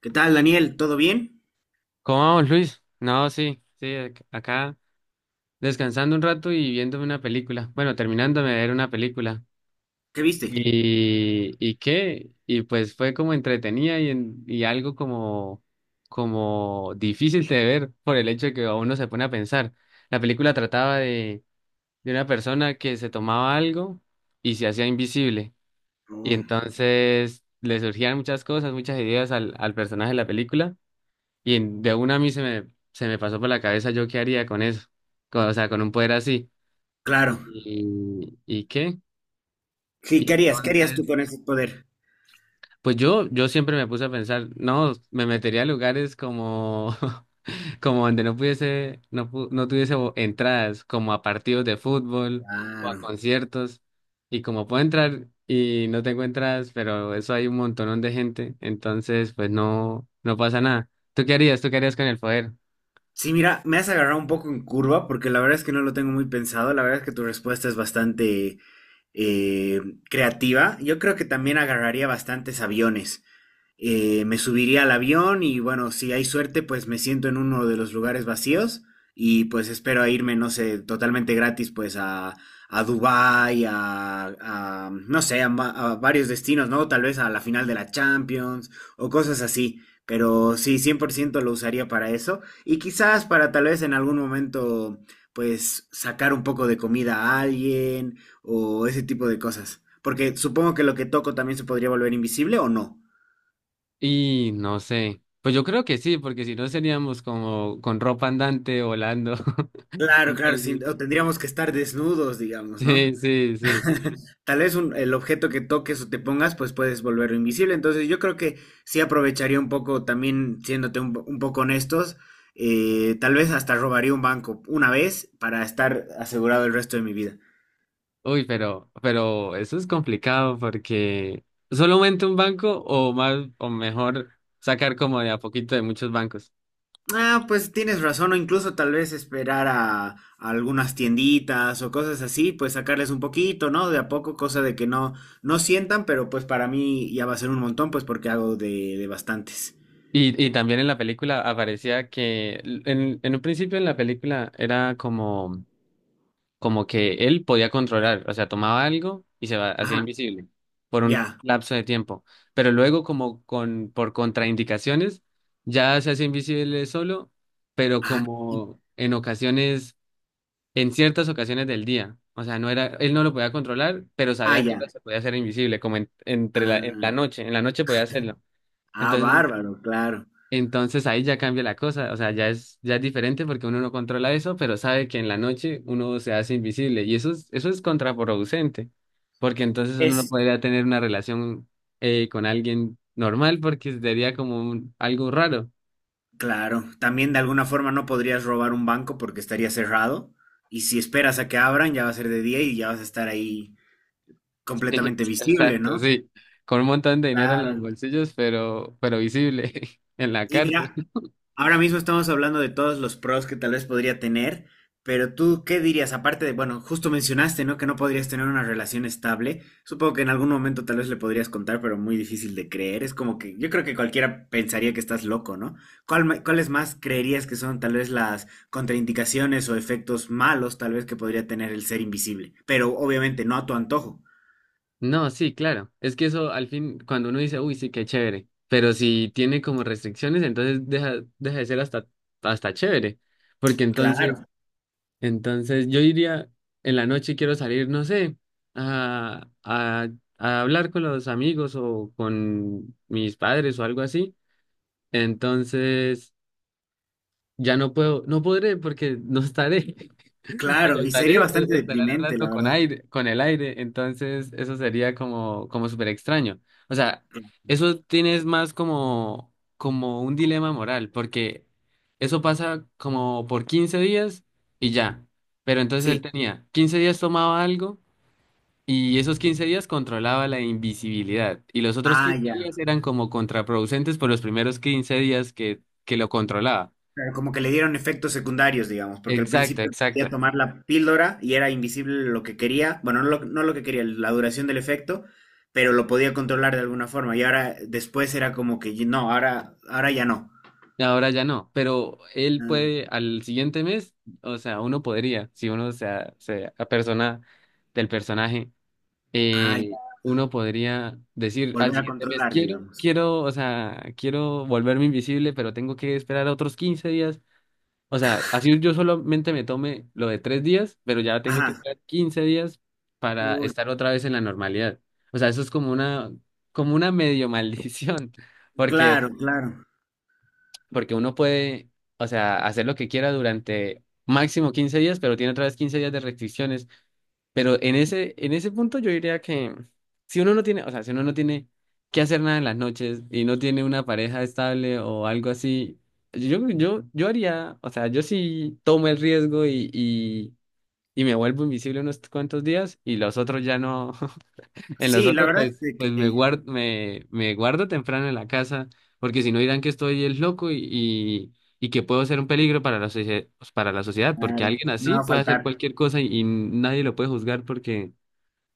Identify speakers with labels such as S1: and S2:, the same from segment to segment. S1: ¿Qué tal, Daniel? ¿Todo bien?
S2: ¿Cómo vamos, Luis? No, sí, sí, acá descansando un rato y viéndome una película. Bueno, terminándome de ver una película.
S1: ¿Qué viste?
S2: ¿Y qué? Y pues fue como entretenida y algo como, como difícil de ver por el hecho de que a uno se pone a pensar. La película trataba de una persona que se tomaba algo y se hacía invisible. Y
S1: Oh,
S2: entonces le surgían muchas cosas, muchas ideas al personaje de la película. Y de una a mí se me pasó por la cabeza yo qué haría con eso, o sea, con un poder así.
S1: claro.
S2: ¿Y qué?
S1: Sí,
S2: Y
S1: ¿qué harías? ¿Qué harías tú
S2: entonces,
S1: con ese poder?
S2: pues yo siempre me puse a pensar, no, me metería a lugares como, como donde no pudiese, no, no tuviese entradas, como a partidos de fútbol o a
S1: Claro.
S2: conciertos. Y como puedo entrar y no tengo entradas, pero eso hay un montonón de gente, entonces pues no, no pasa nada. ¿Tú qué harías? ¿Tú qué harías con el poder?
S1: Sí, mira, me has agarrado un poco en curva porque la verdad es que no lo tengo muy pensado. La verdad es que tu respuesta es bastante eh, creativa. Yo creo que también agarraría bastantes aviones. Me subiría al avión y bueno, si hay suerte, pues me siento en uno de los lugares vacíos y pues espero a irme, no sé, totalmente gratis, pues a Dubái, a, no sé, a varios destinos, ¿no? Tal vez a la final de la Champions o cosas así. Pero sí, 100% lo usaría para eso. Y quizás para tal vez en algún momento, pues sacar un poco de comida a alguien o ese tipo de cosas. Porque supongo que lo que toco también se podría volver invisible o no.
S2: Y no sé. Pues yo creo que sí, porque si no seríamos como con ropa andante volando.
S1: Claro, claro,
S2: Entonces,
S1: sí, o tendríamos que estar desnudos, digamos, ¿no?
S2: sí, sí, sí.
S1: Tal vez el objeto que toques o te pongas, pues puedes volverlo invisible. Entonces yo creo que sí aprovecharía un poco, también siéndote un poco honestos, tal vez hasta robaría un banco una vez para estar asegurado el resto de mi vida.
S2: Uy, pero eso es complicado porque solamente un banco o más, o mejor sacar como de a poquito de muchos bancos.
S1: Ah, pues tienes razón, o incluso tal vez esperar a algunas tienditas o cosas así, pues sacarles un poquito, ¿no? De a poco, cosa de que no, no sientan, pero pues para mí ya va a ser un montón, pues porque hago de bastantes.
S2: Y también en la película aparecía que en un principio en la película era como como que él podía controlar, o sea, tomaba algo y hacía
S1: Ajá,
S2: invisible por un
S1: ya.
S2: lapso de tiempo, pero luego como con por contraindicaciones ya se hace invisible solo, pero
S1: Ah, y-
S2: como en ocasiones, en ciertas ocasiones del día, o sea, no era, él no lo podía controlar, pero
S1: ah,
S2: sabía que ahora
S1: ya.
S2: se podía hacer invisible, como
S1: Ah,
S2: en la noche podía hacerlo.
S1: ah,
S2: Entonces
S1: bárbaro, claro.
S2: entonces ahí ya cambia la cosa, o sea, ya es diferente porque uno no controla eso, pero sabe que en la noche uno se hace invisible y eso es contraproducente, porque entonces uno no
S1: Es,
S2: podría tener una relación con alguien normal porque sería como algo raro.
S1: claro. También de alguna forma no podrías robar un banco porque estaría cerrado. Y si esperas a que abran, ya va a ser de día y ya vas a estar ahí
S2: Sí,
S1: completamente visible,
S2: exacto,
S1: ¿no?
S2: sí, con un montón de dinero en los
S1: Claro.
S2: bolsillos, pero visible en la
S1: Y
S2: cárcel.
S1: mira, ahora mismo estamos hablando de todos los pros que tal vez podría tener, pero tú, ¿qué dirías? Aparte de, bueno, justo mencionaste, ¿no? Que no podrías tener una relación estable. Supongo que en algún momento tal vez le podrías contar, pero muy difícil de creer. Es como que yo creo que cualquiera pensaría que estás loco, ¿no? Cuáles más creerías que son tal vez las contraindicaciones o efectos malos tal vez que podría tener el ser invisible? Pero obviamente no a tu antojo.
S2: No, sí, claro. Es que eso al fin, cuando uno dice, uy, sí, qué chévere, pero si tiene como restricciones, entonces deja de ser hasta chévere. Porque
S1: Claro,
S2: entonces yo iría en la noche y quiero salir, no sé, a, a, a hablar con los amigos o con mis padres o algo así. Entonces, ya no puedo, no podré porque no estaré. O sea,
S1: claro, y sería
S2: estaré,
S1: bastante
S2: o estarán
S1: deprimente,
S2: hablando
S1: la
S2: con
S1: verdad.
S2: aire, con el aire, entonces eso sería como, como súper extraño. O sea, eso tienes más como, como un dilema moral, porque eso pasa como por 15 días y ya. Pero entonces él
S1: Sí.
S2: tenía 15 días tomaba algo y esos 15 días controlaba la invisibilidad. Y los otros
S1: Ah,
S2: 15
S1: ya.
S2: días eran como contraproducentes por los primeros 15 días que lo controlaba.
S1: Claro, como que le dieron efectos secundarios, digamos, porque al
S2: Exacto,
S1: principio quería
S2: exacto.
S1: tomar la píldora y era invisible lo que quería, bueno, no lo que quería, la duración del efecto, pero lo podía controlar de alguna forma. Y ahora después era como que no, ahora ya no.
S2: Ahora ya no, pero él puede
S1: Ah,
S2: al siguiente mes, o sea, uno podría, si se apersona del personaje,
S1: ah, ya,
S2: uno podría decir al
S1: volver a
S2: siguiente mes,
S1: controlar, digamos.
S2: o sea, quiero volverme invisible, pero tengo que esperar otros 15 días. O sea, así yo solamente me tome lo de 3 días, pero ya tengo que
S1: Ajá.
S2: esperar 15 días para
S1: Uy,
S2: estar otra vez en la normalidad. O sea, eso es como una medio maldición. Porque,
S1: claro, claro.
S2: porque uno puede, o sea, hacer lo que quiera durante máximo 15 días, pero tiene otra vez 15 días de restricciones. Pero en ese punto yo diría que si uno no tiene, o sea, si uno no tiene que hacer nada en las noches y no tiene una pareja estable o algo así, yo haría, o sea, yo sí tomo el riesgo y me vuelvo invisible unos cuantos días y los otros ya no. En los
S1: Sí, la
S2: otros,
S1: verdad es
S2: pues,
S1: de que,
S2: me guardo temprano en la casa, porque si no dirán que estoy el loco y que puedo ser un peligro para la pues, para la sociedad, porque
S1: claro,
S2: alguien
S1: no
S2: así
S1: va a
S2: puede hacer
S1: faltar.
S2: cualquier cosa y nadie lo puede juzgar porque,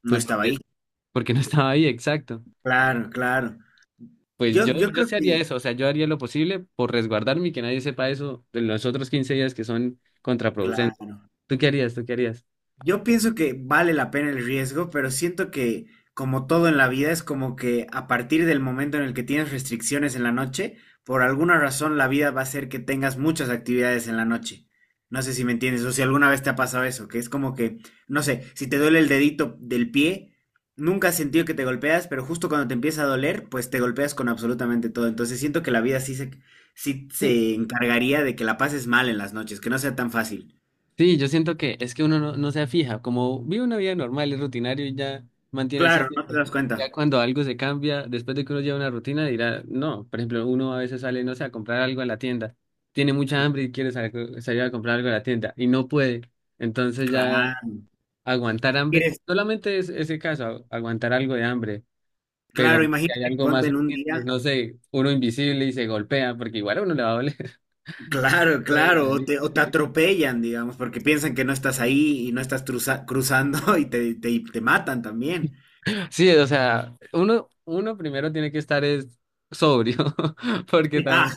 S1: No
S2: pues
S1: estaba
S2: porque,
S1: ahí.
S2: porque no estaba ahí, exacto.
S1: Claro, claro.
S2: Pues
S1: Yo,
S2: yo,
S1: yo
S2: yo
S1: creo
S2: sí haría
S1: que,
S2: eso, o sea, yo haría lo posible por resguardarme y que nadie sepa eso en los otros 15 días que son contraproducentes.
S1: claro.
S2: ¿Tú qué harías? ¿Tú qué harías?
S1: Yo pienso que vale la pena el riesgo, pero siento que como todo en la vida es como que a partir del momento en el que tienes restricciones en la noche, por alguna razón la vida va a hacer que tengas muchas actividades en la noche. No sé si me entiendes o si alguna vez te ha pasado eso, que es como que, no sé, si te duele el dedito del pie, nunca has sentido que te golpeas, pero justo cuando te empieza a doler, pues te golpeas con absolutamente todo. Entonces siento que la vida sí se, sí
S2: Sí,
S1: se encargaría de que la pases mal en las noches, que no sea tan fácil.
S2: sí, yo siento que es que uno no se fija, como vive una vida normal, es rutinario y ya mantiene así
S1: Claro, no te
S2: siempre.
S1: das cuenta.
S2: Ya cuando algo se cambia, después de que uno lleva una rutina, dirá, no, por ejemplo, uno a veces sale, no sé, a comprar algo a la tienda, tiene mucha hambre y quiere salir a comprar algo a la tienda y no puede, entonces ya
S1: Claro,
S2: aguantar hambre,
S1: quieres,
S2: solamente es ese caso, aguantar algo de hambre, pero
S1: claro,
S2: si hay
S1: imagínate,
S2: algo
S1: ponte
S2: más
S1: en un
S2: urgente,
S1: día,
S2: no sé, uno invisible y se golpea, porque igual a uno le va a doler y
S1: claro,
S2: no puede
S1: claro, o
S2: salir.
S1: te, o te atropellan, digamos, porque piensan que no estás ahí y no estás cruzando y te, te matan también.
S2: Sí, o sea, uno primero tiene que estar es sobrio, porque
S1: Sí, ah,
S2: tam-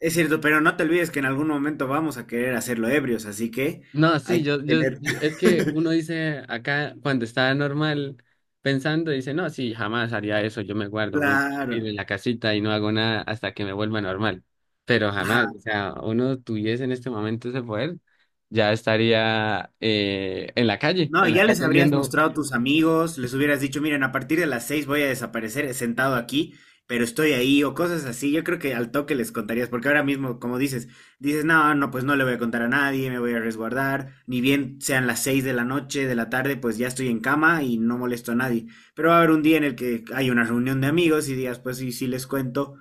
S1: es cierto, pero no te olvides que en algún momento vamos a querer hacerlo ebrios, así que
S2: no, sí,
S1: hay que tener,
S2: es que uno dice acá, cuando está normal pensando, dice, no, sí, jamás haría eso, yo me guardo muy tranquilo en
S1: claro,
S2: la casita y no hago nada hasta que me vuelva normal. Pero
S1: ajá,
S2: jamás, o sea, uno tuviese en este momento ese poder, ya estaría en la calle,
S1: no,
S2: en la
S1: ya les
S2: calle.
S1: habrías mostrado a tus amigos, les hubieras dicho, miren, a partir de las 6 voy a desaparecer sentado aquí, pero estoy ahí, o cosas así. Yo creo que al toque les contarías, porque ahora mismo, como dices, dices, no, no, pues no le voy a contar a nadie, me voy a resguardar, ni bien sean las 6 de la noche, de la tarde, pues ya estoy en cama y no molesto a nadie. Pero va a haber un día en el que hay una reunión de amigos y días, pues sí, sí les cuento,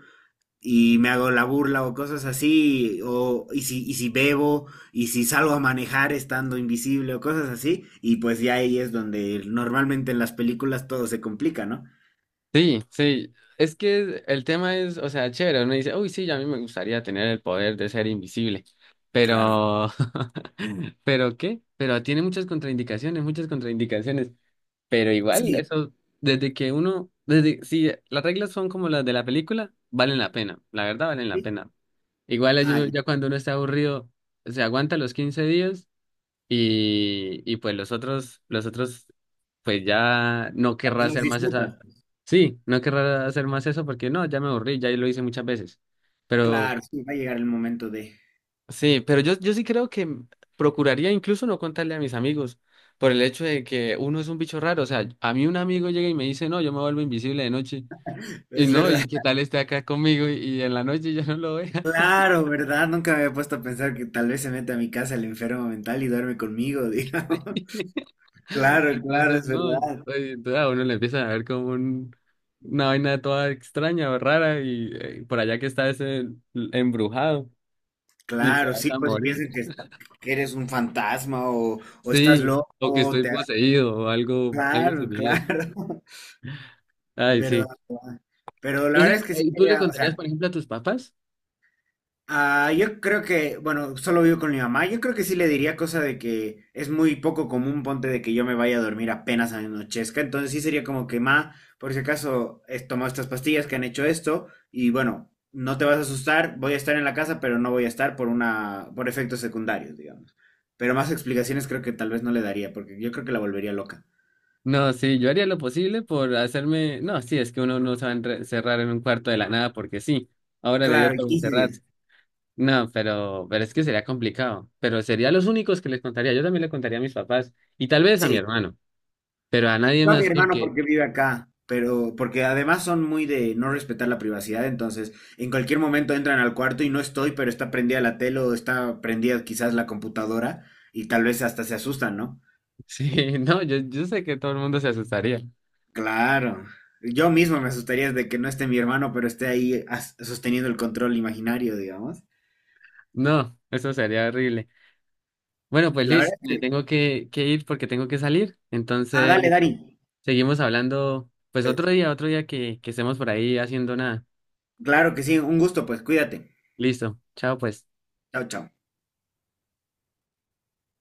S1: y me hago la burla o cosas así, o, y si bebo, y si salgo a manejar estando invisible o cosas así, y pues ya ahí es donde normalmente en las películas todo se complica, ¿no?
S2: Sí, sí, es que el tema es, o sea, chévere, uno dice, uy, sí, a mí me gustaría tener el poder de ser invisible,
S1: Claro.
S2: pero, pero ¿qué? Pero tiene muchas contraindicaciones, pero igual
S1: Sí.
S2: eso, desde que uno, desde, si las reglas son como las de la película, valen la pena, la verdad valen la
S1: Sí.
S2: pena. Igual
S1: Ah,
S2: yo- ya cuando uno está aburrido, se aguanta los 15 días y pues los otros, pues ya no querrá
S1: los
S2: hacer más
S1: disfrutas.
S2: esa. Sí, no querrá hacer más eso porque no, ya me aburrí, ya lo hice muchas veces. Pero
S1: Claro, sí, va a llegar el momento de...
S2: sí, pero yo sí creo que procuraría incluso no contarle a mis amigos por el hecho de que uno es un bicho raro. O sea, a mí un amigo llega y me dice, no, yo me vuelvo invisible de noche. Y
S1: Es
S2: no,
S1: verdad.
S2: ¿y qué tal esté acá conmigo y en la noche ya no lo vea?
S1: Claro, ¿verdad? Nunca me había puesto a pensar que tal vez se mete a mi casa el enfermo mental y duerme conmigo, digamos. Claro, claro,
S2: Entonces,
S1: es
S2: no, yo
S1: verdad.
S2: estoy- entonces a uno le empiezan a ver como una vaina toda extraña o rara y por allá que está ese embrujado y se
S1: Claro,
S2: vas
S1: sí,
S2: a
S1: pues si
S2: morir.
S1: piensan que eres un fantasma o estás
S2: Sí, o que
S1: loco,
S2: estoy
S1: te...
S2: poseído o algo
S1: Claro,
S2: similar.
S1: claro,
S2: Ay,
S1: verdad,
S2: sí.
S1: verdad. Pero la verdad
S2: Entonces,
S1: es que sí
S2: ¿tú le
S1: quería, o sea,
S2: contarías, por ejemplo, a tus papás?
S1: ah, yo creo que, bueno, solo vivo con mi mamá. Yo creo que sí le diría cosa de que es muy poco común, ponte de que yo me vaya a dormir apenas anochezca. Entonces sí sería como que, ma, por si acaso he tomado estas pastillas que han hecho esto y bueno, no te vas a asustar, voy a estar en la casa, pero no voy a estar por una, por efectos secundarios, digamos. Pero más explicaciones creo que tal vez no le daría, porque yo creo que la volvería loca.
S2: No, sí, yo haría lo posible por hacerme. No, sí, es que uno no se va a encerrar en un cuarto de la nada porque sí. Ahora le dio
S1: Claro,
S2: por
S1: 15
S2: encerrarse.
S1: días.
S2: No, pero es que sería complicado. Pero sería los únicos que les contaría. Yo también le contaría a mis papás y tal vez a mi
S1: Sí,
S2: hermano, pero a nadie
S1: yo a mi
S2: más
S1: hermano
S2: porque,
S1: porque vive acá, pero porque además son muy de no respetar la privacidad, entonces en cualquier momento entran al cuarto y no estoy, pero está prendida la tele o está prendida quizás la computadora y tal vez hasta se asustan, ¿no?
S2: sí, no, yo sé que todo el mundo se asustaría.
S1: Claro. Yo mismo me asustaría de que no esté mi hermano, pero esté ahí sosteniendo el control imaginario, digamos.
S2: No, eso sería horrible. Bueno, pues
S1: La
S2: Liz,
S1: verdad.
S2: me tengo que ir porque tengo que salir.
S1: Ah, dale,
S2: Entonces,
S1: Dari.
S2: seguimos hablando, pues
S1: Eh,
S2: otro día que estemos por ahí haciendo nada.
S1: Claro que sí, un gusto, pues cuídate.
S2: Listo, chao pues.
S1: Chao, chao.